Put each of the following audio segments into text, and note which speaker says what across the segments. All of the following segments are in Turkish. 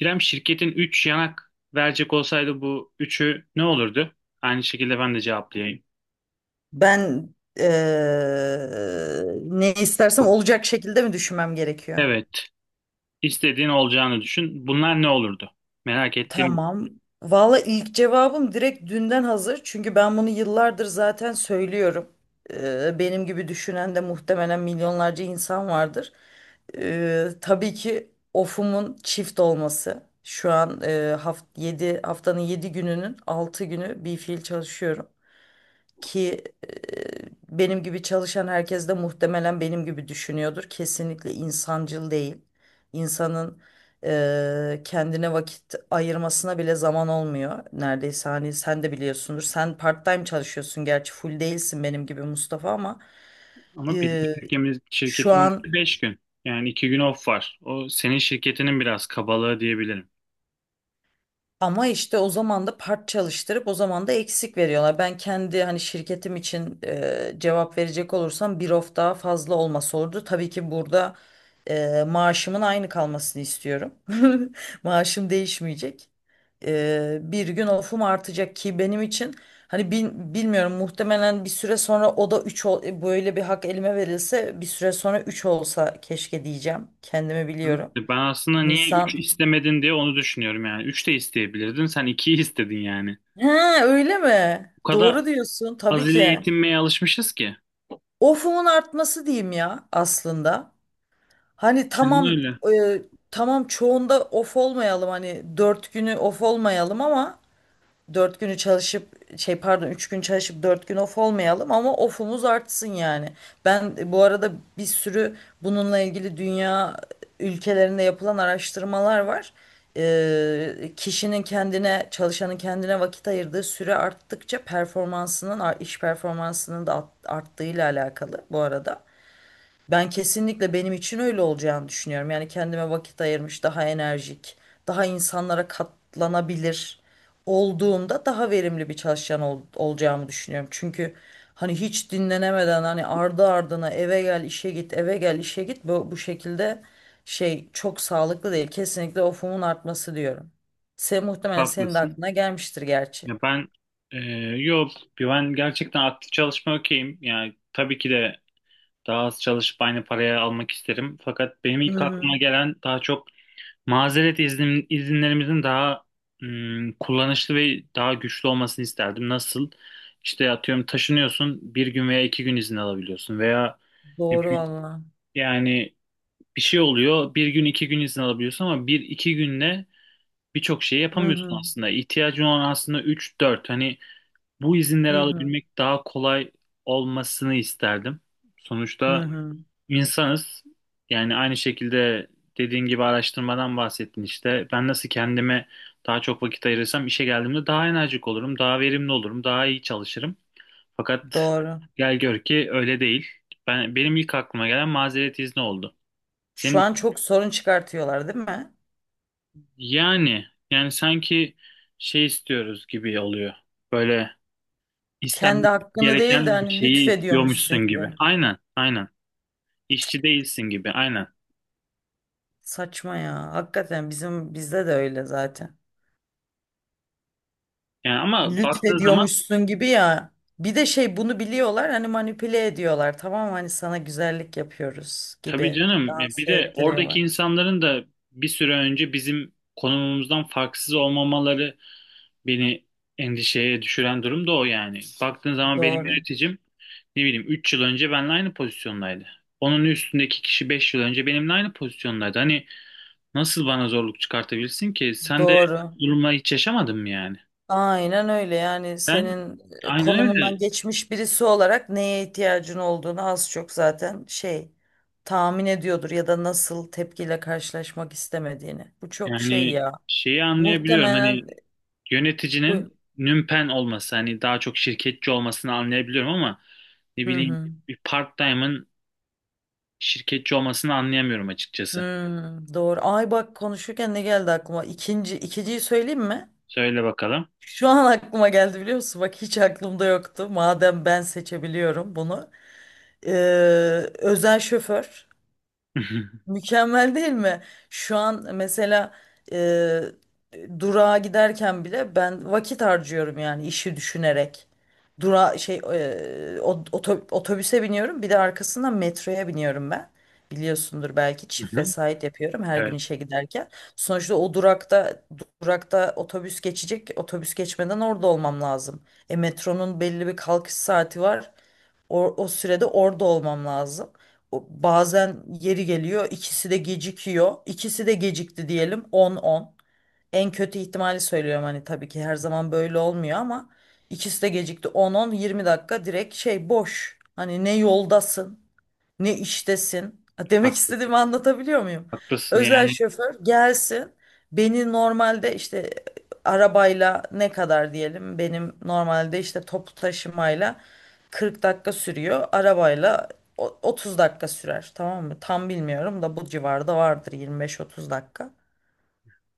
Speaker 1: İrem, şirketin 3 yanak verecek olsaydı bu üçü ne olurdu? Aynı şekilde ben de cevaplayayım.
Speaker 2: Ben ne istersem olacak şekilde mi düşünmem gerekiyor?
Speaker 1: Evet, istediğin olacağını düşün. Bunlar ne olurdu? Merak ettiğim bu.
Speaker 2: Tamam. Valla ilk cevabım direkt dünden hazır. Çünkü ben bunu yıllardır zaten söylüyorum. Benim gibi düşünen de muhtemelen milyonlarca insan vardır. Tabii ki ofumun çift olması. Şu an haft 7, haftanın 7 gününün 6 günü bir fiil çalışıyorum. Ki benim gibi çalışan herkes de muhtemelen benim gibi düşünüyordur. Kesinlikle insancıl değil. İnsanın kendine vakit ayırmasına bile zaman olmuyor. Neredeyse hani sen de biliyorsundur. Sen part-time çalışıyorsun gerçi full değilsin benim gibi Mustafa ama
Speaker 1: Ama bizim
Speaker 2: e,
Speaker 1: şirketimiz,
Speaker 2: şu
Speaker 1: şirketimiz
Speaker 2: an
Speaker 1: 5 gün. Yani 2 gün off var. O senin şirketinin biraz kabalığı diyebilirim.
Speaker 2: Ama işte o zaman da part çalıştırıp o zaman da eksik veriyorlar. Ben kendi hani şirketim için cevap verecek olursam bir of daha fazla olması olurdu. Tabii ki burada maaşımın aynı kalmasını istiyorum. Maaşım değişmeyecek. Bir gün ofum artacak ki benim için hani bilmiyorum muhtemelen bir süre sonra o da 3 böyle bir hak elime verilse bir süre sonra 3 olsa keşke diyeceğim. Kendimi
Speaker 1: Evet.
Speaker 2: biliyorum.
Speaker 1: Ben aslında niye 3
Speaker 2: İnsan
Speaker 1: istemedin diye onu düşünüyorum yani. 3 de isteyebilirdin. Sen ikiyi istedin yani.
Speaker 2: He, öyle mi?
Speaker 1: Bu kadar
Speaker 2: Doğru diyorsun tabii
Speaker 1: az ile
Speaker 2: ki.
Speaker 1: yetinmeye alışmışız ki.
Speaker 2: Of'umun artması diyeyim ya aslında. Hani
Speaker 1: Hani öyle.
Speaker 2: e, tamam çoğunda of olmayalım hani dört günü of olmayalım ama Dört günü çalışıp şey pardon üç gün çalışıp dört gün off olmayalım ama off'umuz artsın yani. Ben bu arada bir sürü bununla ilgili dünya ülkelerinde yapılan araştırmalar var. Kişinin kendine Çalışanın kendine vakit ayırdığı süre arttıkça iş performansının da arttığıyla alakalı bu arada. Ben kesinlikle benim için öyle olacağını düşünüyorum. Yani kendime vakit ayırmış, daha enerjik, daha insanlara katlanabilir olduğumda daha verimli bir çalışan olacağımı düşünüyorum. Çünkü hani hiç dinlenemeden hani ardı ardına eve gel, işe git, eve gel, işe git bu şekilde şey çok sağlıklı değil. Kesinlikle ofumun artması diyorum. Sen muhtemelen senin de
Speaker 1: Haklısın.
Speaker 2: aklına gelmiştir gerçi.
Speaker 1: Ya ben e, yok, ben gerçekten aktif çalışma okeyim. Yani tabii ki de daha az çalışıp aynı paraya almak isterim. Fakat benim
Speaker 2: Hı
Speaker 1: ilk aklıma
Speaker 2: hı.
Speaker 1: gelen daha çok mazeret iznim, izinlerimizin daha kullanışlı ve daha güçlü olmasını isterdim. Nasıl? İşte atıyorum, taşınıyorsun bir gün veya iki gün izin alabiliyorsun veya ne
Speaker 2: Doğru
Speaker 1: bileyim,
Speaker 2: valla.
Speaker 1: yani bir şey oluyor, bir gün iki gün izin alabiliyorsun ama bir iki günde birçok şey
Speaker 2: Hı
Speaker 1: yapamıyorsun
Speaker 2: hı.
Speaker 1: aslında. İhtiyacın olan aslında üç dört, hani bu izinleri
Speaker 2: Hı hı.
Speaker 1: alabilmek daha kolay olmasını isterdim.
Speaker 2: Hı
Speaker 1: Sonuçta
Speaker 2: hı.
Speaker 1: insanız. Yani aynı şekilde, dediğin gibi araştırmadan bahsettin işte. Ben nasıl kendime daha çok vakit ayırırsam işe geldiğimde daha enerjik olurum, daha verimli olurum, daha iyi çalışırım. Fakat
Speaker 2: Doğru.
Speaker 1: gel gör ki öyle değil. Benim ilk aklıma gelen mazeret izni oldu.
Speaker 2: Şu an
Speaker 1: Senin.
Speaker 2: çok sorun çıkartıyorlar değil mi?
Speaker 1: Yani sanki şey istiyoruz gibi oluyor. Böyle
Speaker 2: Kendi
Speaker 1: İstenmesi
Speaker 2: hakkını değil de
Speaker 1: gereken bir
Speaker 2: hani
Speaker 1: şeyi istiyormuşsun
Speaker 2: lütfediyormuşsun
Speaker 1: gibi.
Speaker 2: gibi.
Speaker 1: Aynen, aynen. İşçi değilsin gibi, aynen.
Speaker 2: Saçma ya. Hakikaten bizde de öyle zaten.
Speaker 1: Yani ama baktığın zaman,
Speaker 2: Lütfediyormuşsun gibi ya. Bir de şey bunu biliyorlar hani manipüle ediyorlar. Tamam mı? Hani sana güzellik yapıyoruz
Speaker 1: tabii
Speaker 2: gibi
Speaker 1: canım ya, bir
Speaker 2: dans
Speaker 1: de oradaki
Speaker 2: ettiriyorlar.
Speaker 1: insanların da bir süre önce bizim konumumuzdan farksız olmamaları beni endişeye düşüren durum da o yani. Baktığın zaman benim
Speaker 2: Doğru.
Speaker 1: yöneticim ne bileyim 3 yıl önce benimle aynı pozisyondaydı. Onun üstündeki kişi 5 yıl önce benimle aynı pozisyondaydı. Hani nasıl bana zorluk çıkartabilirsin ki? Sen de
Speaker 2: Doğru.
Speaker 1: durumla hiç yaşamadın mı yani?
Speaker 2: Aynen öyle yani
Speaker 1: Ben,
Speaker 2: senin
Speaker 1: aynen
Speaker 2: konumundan
Speaker 1: öyle.
Speaker 2: geçmiş birisi olarak neye ihtiyacın olduğunu az çok zaten şey tahmin ediyordur ya da nasıl tepkiyle karşılaşmak istemediğini. Bu çok şey
Speaker 1: Yani
Speaker 2: ya
Speaker 1: şeyi anlayabiliyorum, hani
Speaker 2: muhtemelen bu.
Speaker 1: yöneticinin nümpen olması, hani daha çok şirketçi olmasını anlayabiliyorum ama ne
Speaker 2: Hı
Speaker 1: bileyim,
Speaker 2: hı.
Speaker 1: bir part-time'ın şirketçi olmasını anlayamıyorum açıkçası.
Speaker 2: Hmm, doğru. Ay bak konuşurken ne geldi aklıma? İkinci, ikinciyi söyleyeyim mi?
Speaker 1: Söyle bakalım.
Speaker 2: Şu an aklıma geldi biliyor musun? Bak hiç aklımda yoktu. Madem ben seçebiliyorum bunu. Ee, Özel şoför.
Speaker 1: Hı
Speaker 2: Mükemmel değil mi? Şu an mesela e, durağa giderken bile ben vakit harcıyorum yani işi düşünerek. Dura şey e, o- oto- Otobüse biniyorum bir de arkasından metroya biniyorum ben. Biliyorsundur belki çift
Speaker 1: hı.
Speaker 2: vesait yapıyorum her gün
Speaker 1: Evet,
Speaker 2: işe giderken. Sonuçta o durakta otobüs geçecek. Otobüs geçmeden orada olmam lazım. E metronun belli bir kalkış saati var. O sürede orada olmam lazım. O, bazen yeri geliyor ikisi de gecikiyor. İkisi de gecikti diyelim 10-10. En kötü ihtimali söylüyorum hani tabii ki her zaman böyle olmuyor ama ikisi de gecikti 10-10 20 dakika direkt şey boş. Hani ne yoldasın ne iştesin? Ha, demek
Speaker 1: haklısın,
Speaker 2: istediğimi anlatabiliyor muyum?
Speaker 1: haklısın
Speaker 2: Özel
Speaker 1: yani.
Speaker 2: şoför gelsin beni normalde işte arabayla ne kadar diyelim benim normalde işte toplu taşımayla 40 dakika sürüyor arabayla 30 dakika sürer tamam mı? Tam bilmiyorum da bu civarda vardır 25-30 dakika.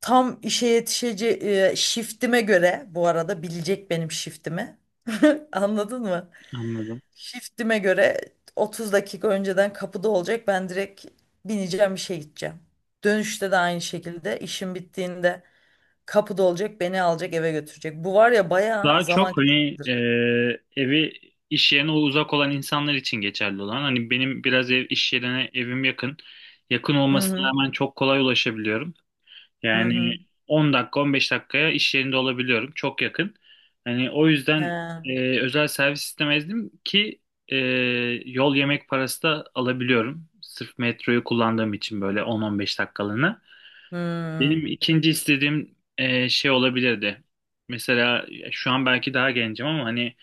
Speaker 2: Tam işe yetişeceği şiftime göre bu arada bilecek benim şiftimi. Anladın mı?
Speaker 1: Anladım.
Speaker 2: Shiftime göre 30 dakika önceden kapıda olacak. Ben direkt bineceğim işe gideceğim. Dönüşte de aynı şekilde işim bittiğinde kapıda olacak, beni alacak, eve götürecek. Bu var ya bayağı
Speaker 1: Daha
Speaker 2: zaman
Speaker 1: çok hani,
Speaker 2: kazandır.
Speaker 1: evi iş yerine uzak olan insanlar için geçerli olan. Hani benim biraz ev iş yerine evim yakın. Yakın
Speaker 2: Hı
Speaker 1: olmasına
Speaker 2: hı.
Speaker 1: rağmen çok kolay ulaşabiliyorum.
Speaker 2: Hı
Speaker 1: Yani
Speaker 2: hı.
Speaker 1: 10 dakika, 15 dakikaya iş yerinde olabiliyorum. Çok yakın. Hani o yüzden
Speaker 2: He.
Speaker 1: özel servis istemezdim ki, e, yol yemek parası da alabiliyorum. Sırf metroyu kullandığım için böyle 10-15 dakikalığına. Benim
Speaker 2: Hı.
Speaker 1: ikinci istediğim şey olabilirdi. Mesela şu an belki daha gencim ama hani,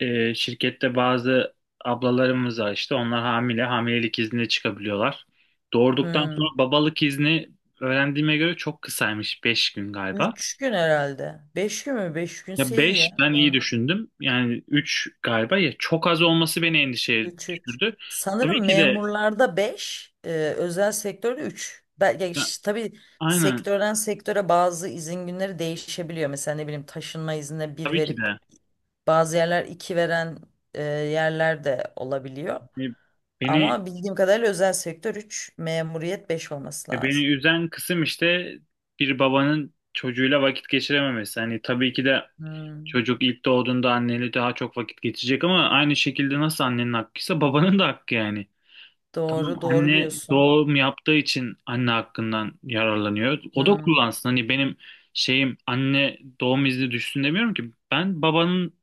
Speaker 1: şirkette bazı ablalarımız var işte, onlar hamilelik iznine çıkabiliyorlar. Doğurduktan
Speaker 2: Hı.
Speaker 1: sonra babalık izni, öğrendiğime göre, çok kısaymış, 5 gün galiba.
Speaker 2: 3 gün herhalde. 5 gün mü? 5
Speaker 1: Ya
Speaker 2: günse iyi
Speaker 1: 5
Speaker 2: ya.
Speaker 1: ben iyi düşündüm yani, 3 galiba, ya çok az olması beni endişeye
Speaker 2: 3.
Speaker 1: düşürdü. Tabii
Speaker 2: Sanırım
Speaker 1: ki de.
Speaker 2: memurlarda 5, özel sektörde 3. Belki
Speaker 1: Ya,
Speaker 2: işte tabii
Speaker 1: aynen,
Speaker 2: sektörden sektöre bazı izin günleri değişebiliyor. Mesela ne bileyim taşınma iznine bir
Speaker 1: tabii ki
Speaker 2: verip
Speaker 1: de.
Speaker 2: bazı yerler 2 veren yerler de olabiliyor.
Speaker 1: E, beni
Speaker 2: Ama bildiğim kadarıyla özel sektör 3, memuriyet 5 olması
Speaker 1: beni
Speaker 2: lazım.
Speaker 1: üzen kısım işte, bir babanın çocuğuyla vakit geçirememesi. Hani, tabii ki de
Speaker 2: Hmm,
Speaker 1: çocuk ilk doğduğunda anneyle daha çok vakit geçecek ama aynı şekilde, nasıl annenin hakkıysa babanın da hakkı yani. Tamam,
Speaker 2: doğru, doğru
Speaker 1: anne
Speaker 2: diyorsun.
Speaker 1: doğum yaptığı için anne hakkından yararlanıyor. O da
Speaker 2: Hmm,
Speaker 1: kullansın. Hani benim şeyim anne doğum izni düşsün demiyorum ki. Ben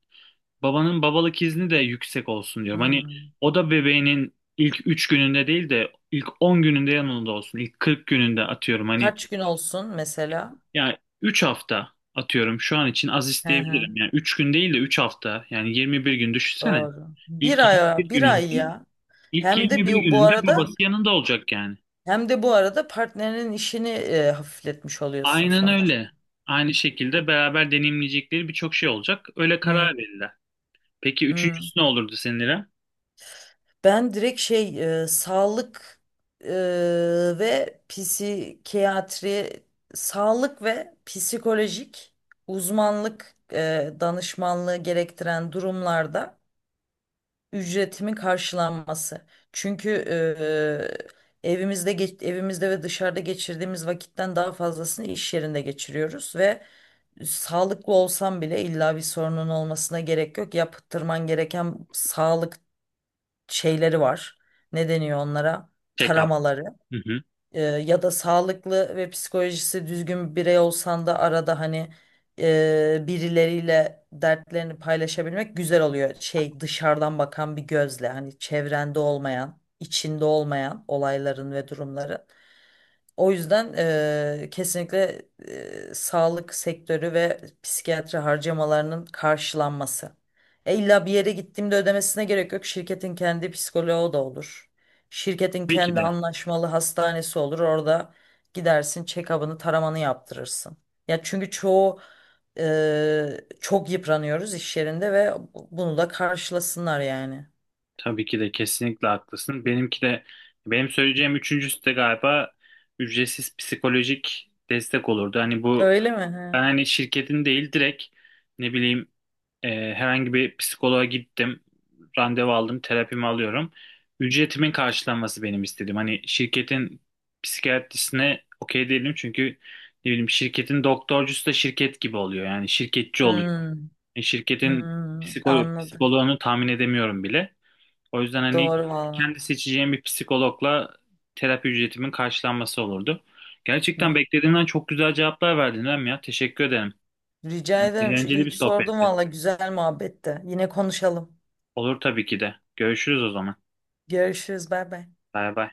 Speaker 1: babanın babalık izni de yüksek olsun diyorum. Hani
Speaker 2: hmm.
Speaker 1: o da bebeğinin ilk 3 gününde değil de ilk 10 gününde yanında olsun. İlk 40 gününde atıyorum. Hani
Speaker 2: Kaç gün olsun mesela?
Speaker 1: yani, 3 hafta atıyorum, şu an için az
Speaker 2: Hı hı,
Speaker 1: isteyebilirim. Yani 3 gün değil de 3 hafta. Yani 21 gün düşünsene.
Speaker 2: doğru. Bir
Speaker 1: İlk
Speaker 2: ay,
Speaker 1: 21
Speaker 2: bir ay
Speaker 1: gününde,
Speaker 2: ya.
Speaker 1: ilk
Speaker 2: Hem de
Speaker 1: 21
Speaker 2: bir bu
Speaker 1: gününde
Speaker 2: arada
Speaker 1: babası yanında olacak yani.
Speaker 2: hem de bu arada partnerinin işini hafifletmiş oluyorsun
Speaker 1: Aynen
Speaker 2: sonuçta.
Speaker 1: öyle. Aynı şekilde beraber deneyimleyecekleri birçok şey olacak. Öyle
Speaker 2: Hı,
Speaker 1: karar verirler. Peki
Speaker 2: hı.
Speaker 1: üçüncüsü ne olurdu senin, İrem?
Speaker 2: Ben direkt e, ve psikiyatri sağlık ve psikolojik uzmanlık danışmanlığı gerektiren durumlarda ücretimin karşılanması. Çünkü evimizde ve dışarıda geçirdiğimiz vakitten daha fazlasını iş yerinde geçiriyoruz ve sağlıklı olsam bile illa bir sorunun olmasına gerek yok. Yaptırman gereken sağlık şeyleri var. Ne deniyor onlara?
Speaker 1: Check-up.
Speaker 2: Taramaları.
Speaker 1: Hı hı.
Speaker 2: Ya da sağlıklı ve psikolojisi düzgün bir birey olsan da arada hani birileriyle dertlerini paylaşabilmek güzel oluyor. Şey dışarıdan bakan bir gözle hani çevrende olmayan, içinde olmayan olayların ve durumları. O yüzden kesinlikle sağlık sektörü ve psikiyatri harcamalarının karşılanması. İlla bir yere gittiğimde ödemesine gerek yok. Şirketin kendi psikoloğu da olur. Şirketin
Speaker 1: Tabii ki
Speaker 2: kendi
Speaker 1: de.
Speaker 2: anlaşmalı hastanesi olur. Orada gidersin, check-up'ını, taramanı yaptırırsın. Ya çünkü çoğu çok yıpranıyoruz iş yerinde ve bunu da karşılasınlar yani.
Speaker 1: Tabii ki de, kesinlikle haklısın. Benimki de, benim söyleyeceğim üçüncüsü de galiba ücretsiz psikolojik destek olurdu. Hani bu.
Speaker 2: Öyle mi?
Speaker 1: Ben hani şirketin değil, direkt ne bileyim, herhangi bir psikoloğa gittim, randevu aldım, terapimi alıyorum. Ücretimin karşılanması benim istediğim. Hani şirketin psikiyatrisine okey değilim çünkü ne bileyim, şirketin doktorcusu da şirket gibi oluyor. Yani şirketçi
Speaker 2: He.
Speaker 1: oluyor.
Speaker 2: Hmm,
Speaker 1: Şirketin
Speaker 2: hmm, anladım.
Speaker 1: psikoloğunu tahmin edemiyorum bile. O yüzden hani,
Speaker 2: Doğru valla.
Speaker 1: kendi seçeceğim bir psikologla terapi ücretimin karşılanması olurdu. Gerçekten beklediğimden çok güzel cevaplar verdin Rem ya. Teşekkür ederim.
Speaker 2: Rica ederim. Şu
Speaker 1: Eğlenceli
Speaker 2: iyi
Speaker 1: bir
Speaker 2: ki sordum
Speaker 1: sohbetti.
Speaker 2: valla güzel muhabbette. Yine konuşalım.
Speaker 1: Olur tabii ki de. Görüşürüz o zaman.
Speaker 2: Görüşürüz. Bay bay.
Speaker 1: Bay bay.